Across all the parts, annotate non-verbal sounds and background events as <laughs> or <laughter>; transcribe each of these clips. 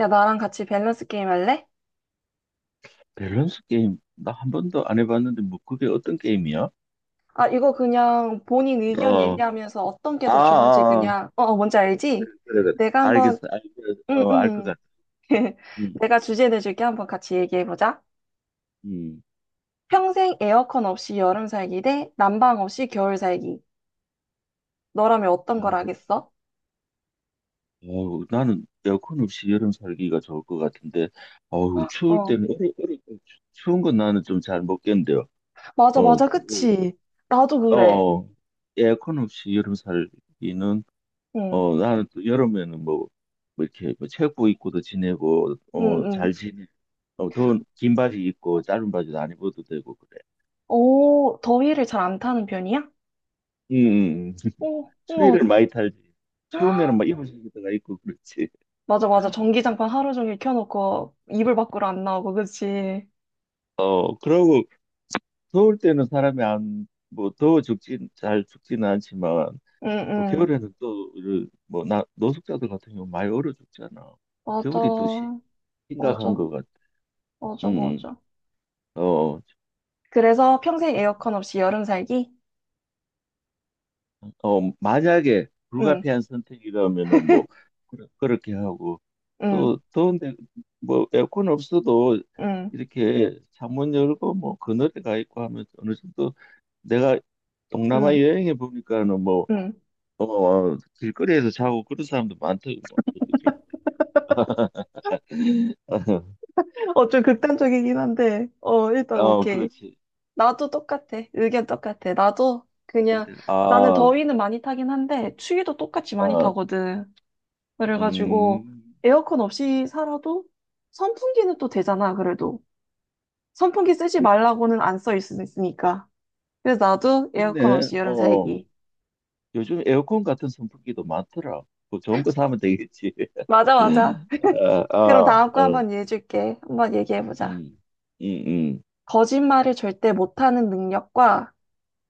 야, 나랑 같이 밸런스 게임 할래? 밸런스 게임 나 한 번도 안 해봤는데 뭐 그게 어떤 게임이야? 아, 이거 그냥 본인 의견 어, 얘기하면서 어떤 게 아, 아, 더 좋은지 아. 그냥, 뭔지 알지? 그래, 그래. 내가 한번, 알겠어. 응, 알어알것 응. 같아. <laughs> 음, 내가 주제 내줄게. 한번 같이 얘기해보자. 음. 평생 에어컨 없이 여름 살기 대 난방 없이 겨울 살기. 너라면 어떤 어, 걸 하겠어? 어, 나는 에어컨 없이 여름 살기가 좋을 것 같은데 어우 <gasps> 추울 어, 때는 추운 건 나는 좀 잘 못 견뎌. 맞아, 어, 맞아, 그치? 나도 어, 그래. 어, 에어컨 없이 여름 살기는 응, 나는 또 여름에는 뭐, 뭐 이렇게 뭐 체육복 입고도 지내고 응, 응. 어잘 지내. 어, 더 긴 바지 입고 짧은 바지도 안 입어도 되고 그래. 오, 더위를 잘 안 타는 편이야? 응응응. 오, 우와. 추위를 많이 탈지. 추우면은 <gasps> 막입불속다가 입고 그렇지. 맞아, 맞아. 전기장판 하루 종일 켜놓고 이불 밖으로 안 나오고, 그치? 어, 그러고 더울 때는 사람이 안, 뭐 더워 죽진 잘 죽지는 않지만 응, 뭐 응. 겨울에는 또뭐나 노숙자들 같은 경우 많이 얼어 죽잖아. 겨울이 맞아. 심각한 맞아. 것 같아. 맞아, 응응. 맞아. 어. 그래서 평생 에어컨 없이 여름 살기? 어, 만약에 응, 불가피한 선택이라면은 뭐 그렇게 하고 응, 또 더운데 뭐 에어컨 없어도 응, 이렇게 창문 열고 뭐 그늘에 가 있고 하면 어느 정도 내가 동남아 응, 여행해 보니까는 뭐 응. 어, 길거리에서 자고 그런 사람도 많더라고 뭐 이렇게 <laughs> 어, 좀 극단적이긴 한데, 어, 일단 어 오케이. 그렇지. 나도 똑같아. 의견 똑같아. 나도 그냥, 바깥에. 나는 아, 더위는 많이 타긴 한데, 추위도 똑같이 많이 아, 타거든. 그래가지고, 음 에어컨 없이 살아도 선풍기는 또 되잖아, 그래도. 선풍기 쓰지 말라고는 안 써 있으니까. 그래서 나도 에어컨 근데 없이 여름 어 살기. 요즘 에어컨 같은 선풍기도 많더라. 뭐 좋은 거 사면 되겠지. 맞아, 맞아. 아, 아, 그럼 다음 거 어, 한번 얘기해줄게. 한번 얘기해보자. 음, 음, 음, 거짓말을 절대 못하는 능력과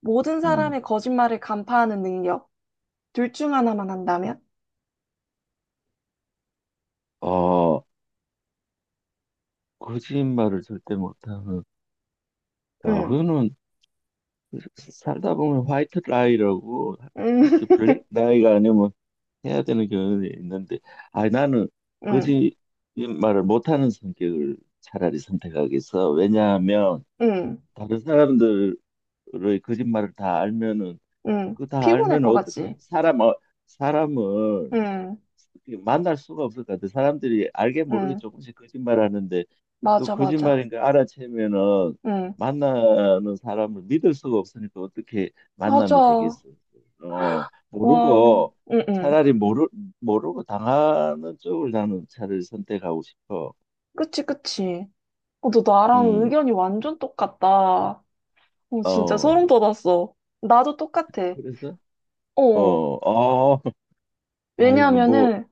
모든 음. 사람의 거짓말을 간파하는 능력. 둘 중 하나만 한다면? 어, 거짓말을 절대 못하는. 야, 응, 그거는 살다 보면 화이트 라이라고, 응, 이렇게 <laughs> 블랙 라이가 아니면 해야 되는 경우가 있는데, 아, 나는 응, 거짓말을 못하는 성격을 차라리 선택하겠어. 왜냐하면 응, 다른 사람들의 거짓말을 다 알면은 응. 그 다 피곤할 알면 것 어떻게 같지? 사람을 응, 만날 수가 없을 것 같아. 사람들이 알게 모르게 응. 조금씩 거짓말하는데 그 맞아, 맞아. 거짓말인 걸 알아채면은 응, 만나는 사람을 믿을 수가 없으니까 어떻게 만남이 맞아. 되겠어? 어, 와, 모르고 응, 응. 차라리 모르 모르고 당하는 쪽을 나는 차라리 선택하고 싶어. 그치, 그치. 어, 너 나랑 음, 의견이 완전 똑같다. 어, 진짜 소름 어, 돋았어. 나도 똑같아. 그래서 어, 어, 어. 어, <laughs> 아이고 뭐, 왜냐하면은,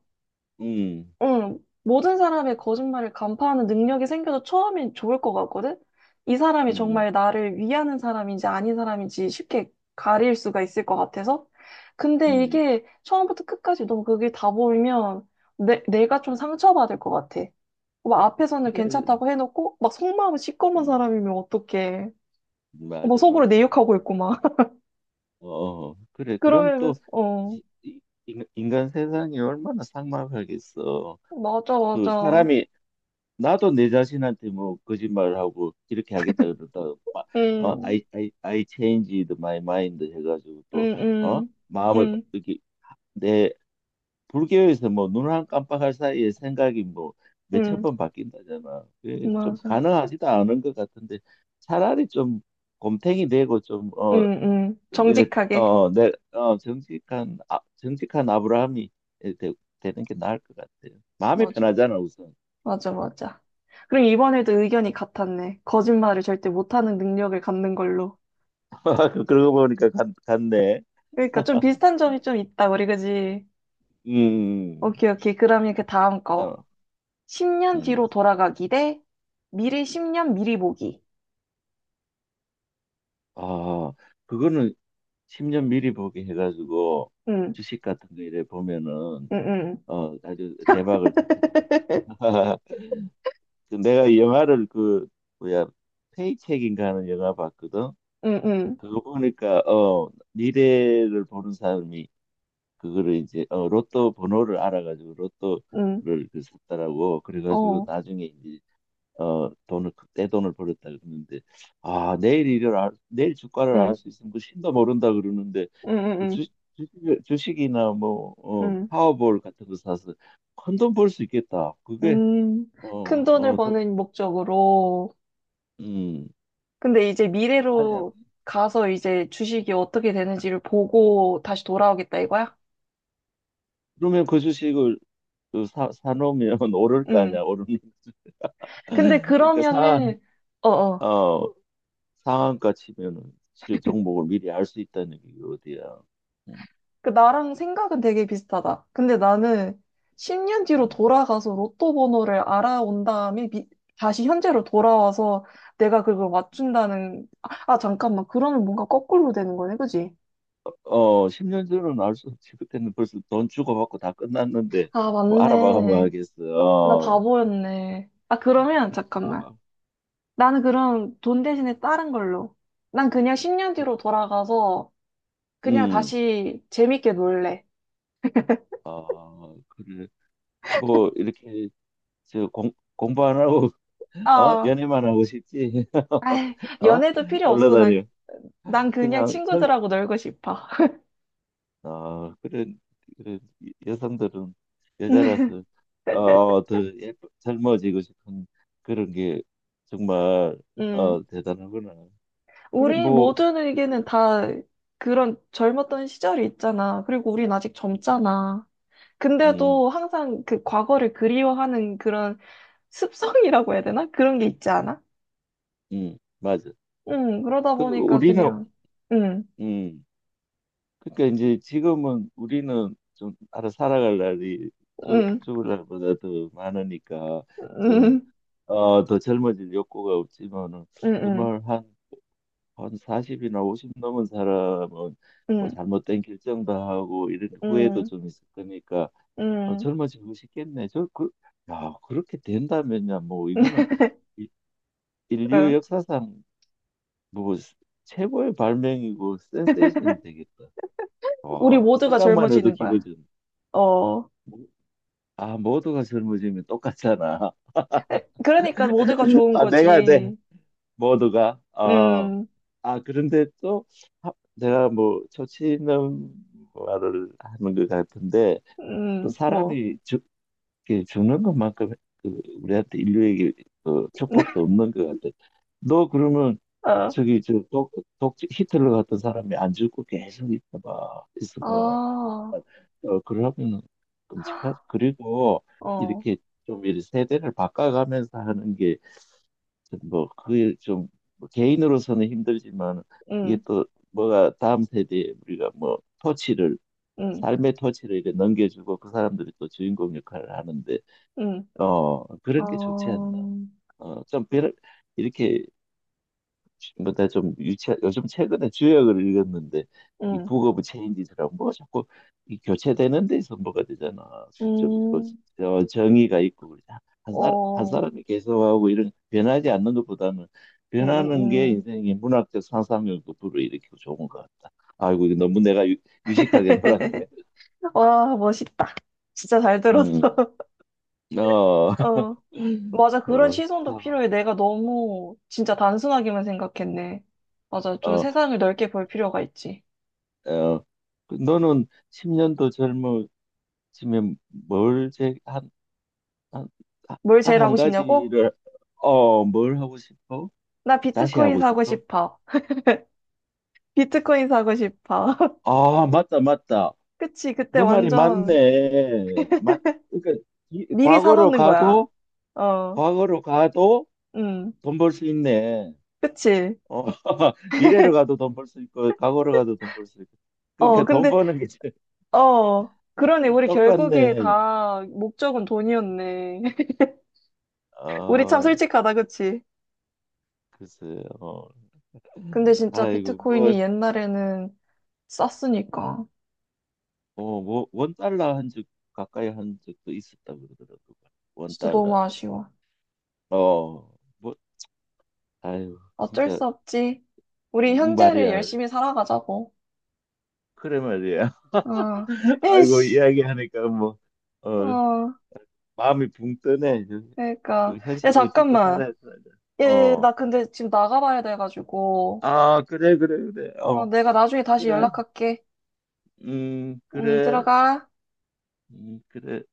음, 응, 모든 사람의 거짓말을 간파하는 능력이 생겨서 처음엔 좋을 것 같거든? 이 사람이 음, 정말 나를 위하는 사람인지 아닌 사람인지 쉽게 가릴 수가 있을 것 같아서. 근데 음, 이게 처음부터 끝까지 너무 그게 다 보이면 내가 좀 상처받을 것 같아. 막 앞에서는 그래, 괜찮다고 해놓고, 막 속마음은 시꺼먼 음, 사람이면 어떡해. 막 맞아, 속으로 맞아. 내 욕하고 있고 막. <laughs> 어, 그래. 그럼 그러면, 또 어. 이- 이- 인간 세상이 얼마나 삭막하겠어. 맞아, 그 맞아. 사람이 나도 내 자신한테 뭐 거짓말을 하고 이렇게 하겠다 그러다 막 어, 응, I changed my mind 해가지고 응, 또 어? 응, 응, 이렇게 내 불교에서 뭐 눈 한 깜빡할 사이에 생각이 뭐 몇 천 응, 번 바뀐다잖아. 그게 좀 맞아. 가능하지도 않은 것 같은데 차라리 좀 곰탱이 되고 좀 어, 응, 응. 이래 정직하게. 어, 내, 어, 정직한 아, 정직한 아브라함이 되, 되는 게 나을 것 같아요. 마음이 맞아. 편하잖아 우선. 맞아, 맞아. 그럼 이번에도 의견이 같았네. 거짓말을 절대 못하는 능력을 갖는 걸로. <laughs> 그러고 보니까 갔네. 그러니까 좀 비슷한 점이 좀 있다, 우리 그지? 음, 오케이, 오케이. 그러면 그 다음 거. 어, 10년 음, 뒤로 돌아가기 대 미래 10년 미리 보기. 아, 그거는 10년 미리 보게 해가지고 응, 주식 같은 거 이래 보면은 응, 응. 어 아주 대박을 터뜨리고. <laughs> <laughs> 그 내가 이 영화를 그 뭐야 페이첵인가 하는 영화 봤거든. 응, 응, 그거 보니까 어 미래를 보는 사람이 그거를 이제 어, 로또 번호를 알아가지고 응, 로또를 그 샀다라고 그래가지고 어, 나중에 이제 어 돈을 그 떼돈을 벌었다 그러는데 아 내일 주가를 응, 알 수 있으면 그 신도 모른다 그러는데 응, 응, 그 주, 응, 주식, 주식이나 뭐 어, 응, 파워볼 같은 거 사서 큰 돈 벌 수 있겠다. 그게 음, 큰 돈을 어어음 버는 목적으로, 근데 이제 아니야. 미래로 가서 이제 주식이 어떻게 되는지를 보고 다시 돌아오겠다 이거야? 그러면 그 주식을 사놓으면 <laughs> 오를 거 음. 아니야 오르는. 근데 <laughs> 그러니까 사, 그러면은, 어어. 어, 상한가 치면은 실 종목을 미리 알 수 있다는 게 어디야. 음, 그 나랑 생각은 되게 비슷하다. 근데 나는 10년 뒤로 음. 돌아가서 로또 번호를 알아온 다음에 미- 다시 현재로 돌아와서 내가 그걸 맞춘다는, 잠깐만. 그러면 뭔가 거꾸로 되는 거네, 그지? 어, 10년 전은 알 수 없지. 그때는 벌써 돈 주고받고 다 끝났는데, 아, 뭐, 알아봐가면 맞네. 하겠어. 나 어, 바보였네. 아, 그러면 잠깐만. 아, 나는 그럼 돈 대신에 다른 걸로. 난 그냥 10년 뒤로 돌아가서 그냥 음, 다시 재밌게 놀래. 아, 그래. 뭐, 이렇게, 저, 공부 안 하고, <laughs> 어? 아, 연애만 하고 싶지? 아이, <laughs> 어? 연애도 필요 놀러 없어. 난, 다녀. 난 그냥 그냥, 저, 친구들하고 놀고 싶어. 아, 그래, 그래, 여성들은 <laughs> 여자라서, 어, 더 예뻐, 젊어지고 싶은 그런 게 정말, 음. 어, 대단하구나. 그래, 우리 뭐, 모든 의견은 다 그런 젊었던 시절이 있잖아. 그리고 우린 아직 음, 젊잖아. 음, 근데도 항상 그 과거를 그리워하는 그런 습성이라고 해야 되나? 그런 게 있지 않아? 맞아. 응, 그러다 그, 보니까 우리는, 그냥, 응, 음, 그러니까 이제 지금은 우리는 좀 알아 살아갈 날이 응, 죽을 날보다 더 많으니까 좀, 응, 어, 더 젊어질 욕구가 없지만은 응, 응. 정말 한 40이나 50 넘은 사람은 뭐 응, 잘못된 결정도 하고 이런 후회도 응, 좀 있을 거니까 어, 응, 젊어지고 싶겠네. 저 그, 야, 그렇게 된다면야 뭐 이거는 이- 인류 응. 역사상 뭐 최고의 발명이고 센세이션이 되겠다. 우리 와, 모두가 생각만 해도 젊어지는 기분 거야. 좋네. 어. 모- 아, 모두가 젊어지면 똑같잖아. 에, 그러니까 모두가 <laughs> 좋은 아, 내가 내 거지. 모두가 아, 음, 아 그런데 또 내가 뭐 조치는 말을 하는 것 같은데 또 뭐. 사람이 이렇게 죽는 것만큼 그 우리한테 인류에게 그 축복도 <laughs> 없는 것 같아. 너 그러면 어, 저기 독 히틀러 같은 사람이 안 죽고 계속 있어봐. 아, 어, 그러면 끔찍하지. 그리고 어, 이렇게 좀 이렇게 세대를 바꿔가면서 하는 게뭐 그게 좀뭐 개인으로서는 힘들지만 이게 음, 또 뭐가 다음 세대에 우리가 뭐 토치를 음, 삶의 토치를 이렇게 넘겨주고 그 사람들이 또 주인공 역할을 하는데. 음, 어, 그런 게 좋지 않나? 어, 어, 좀 별, 이렇게, 뭐다 좀 유치, 요즘 최근에 주역을 읽었는데, 이 음, 북 오브 체인지처고뭐 자꾸 이 교체되는 데서 뭐가 되잖아. 좀, 뭐, 음, 저 정의가 있고, 그러자. 한 사람, 한 어, 사람이 계속하고 이런 변하지 않는 것보다는 변하는 게 음. 인생의 문학적 상상력도 불어일으키고 좋은 것 같다. 아이고, 이거 너무 식하게 <laughs> 놀았네. 와, 멋있다. 진짜 잘 들었어. 음, <laughs> 어, <laughs> 어. 맞아, 그런 어, 시선도 필요해. 내가 너무 진짜 단순하게만 생각했네. 맞아, 좀 어. 세상을 넓게 볼 필요가 있지. 어, 그 너는 10년도 젊어지면 뭘 제, 한, 한, 아, 뭘 딱 제일 한 하고 싶냐고? 가지를, 어, 뭘 하고 싶어? 나 다시 비트코인 하고 사고 싶어? 싶어. <laughs> 비트코인 사고 싶어. <laughs> 아, 맞다, 맞다. 그치, 그때 너 말이 완전 맞네. 그러니까, 이, 미리 과거로 사놓는 거야. 가도, 어, 과거로 가도 음, 돈 벌 수 있네. 그치. 어, <laughs> 미래로 가도 돈 벌 수 있고, 과거로 가도 돈 벌 수 있고. 어, 그러니까 돈 근데, 버는 게 제일 어, 그러네. <laughs> 우리 결국에 똑같네. 다 목적은 돈이었네. <laughs> 우리 참 아, 솔직하다, 그치? 글쎄요. 근데 진짜 아이고, 뭐, 비트코인이 옛날에는 쌌으니까. 어, 뭐, 원 달러 한 적 가까이 한 적도 있었다 그러더라고. 원 진짜 너무 달러. 아쉬워. 어, 뭐, 아유, 어쩔 진짜 수 없지. 우리 현재를 말이야. 열심히 살아가자고. 그래 말이야. 어. <laughs> 아이고 에이씨. 이야기하니까 뭐, 어, 어. 마음이 붕 뜨네. 그, 그러니까. 그 야, 현실을 딛고 잠깐만. 살아야 돼. 예, 어, 나 근데 지금 나가봐야 돼가지고. 아, 그래, 그래, 그래. 어, 어, 내가 나중에 다시 그래. 연락할게. 응, 그래. 들어가. 그래.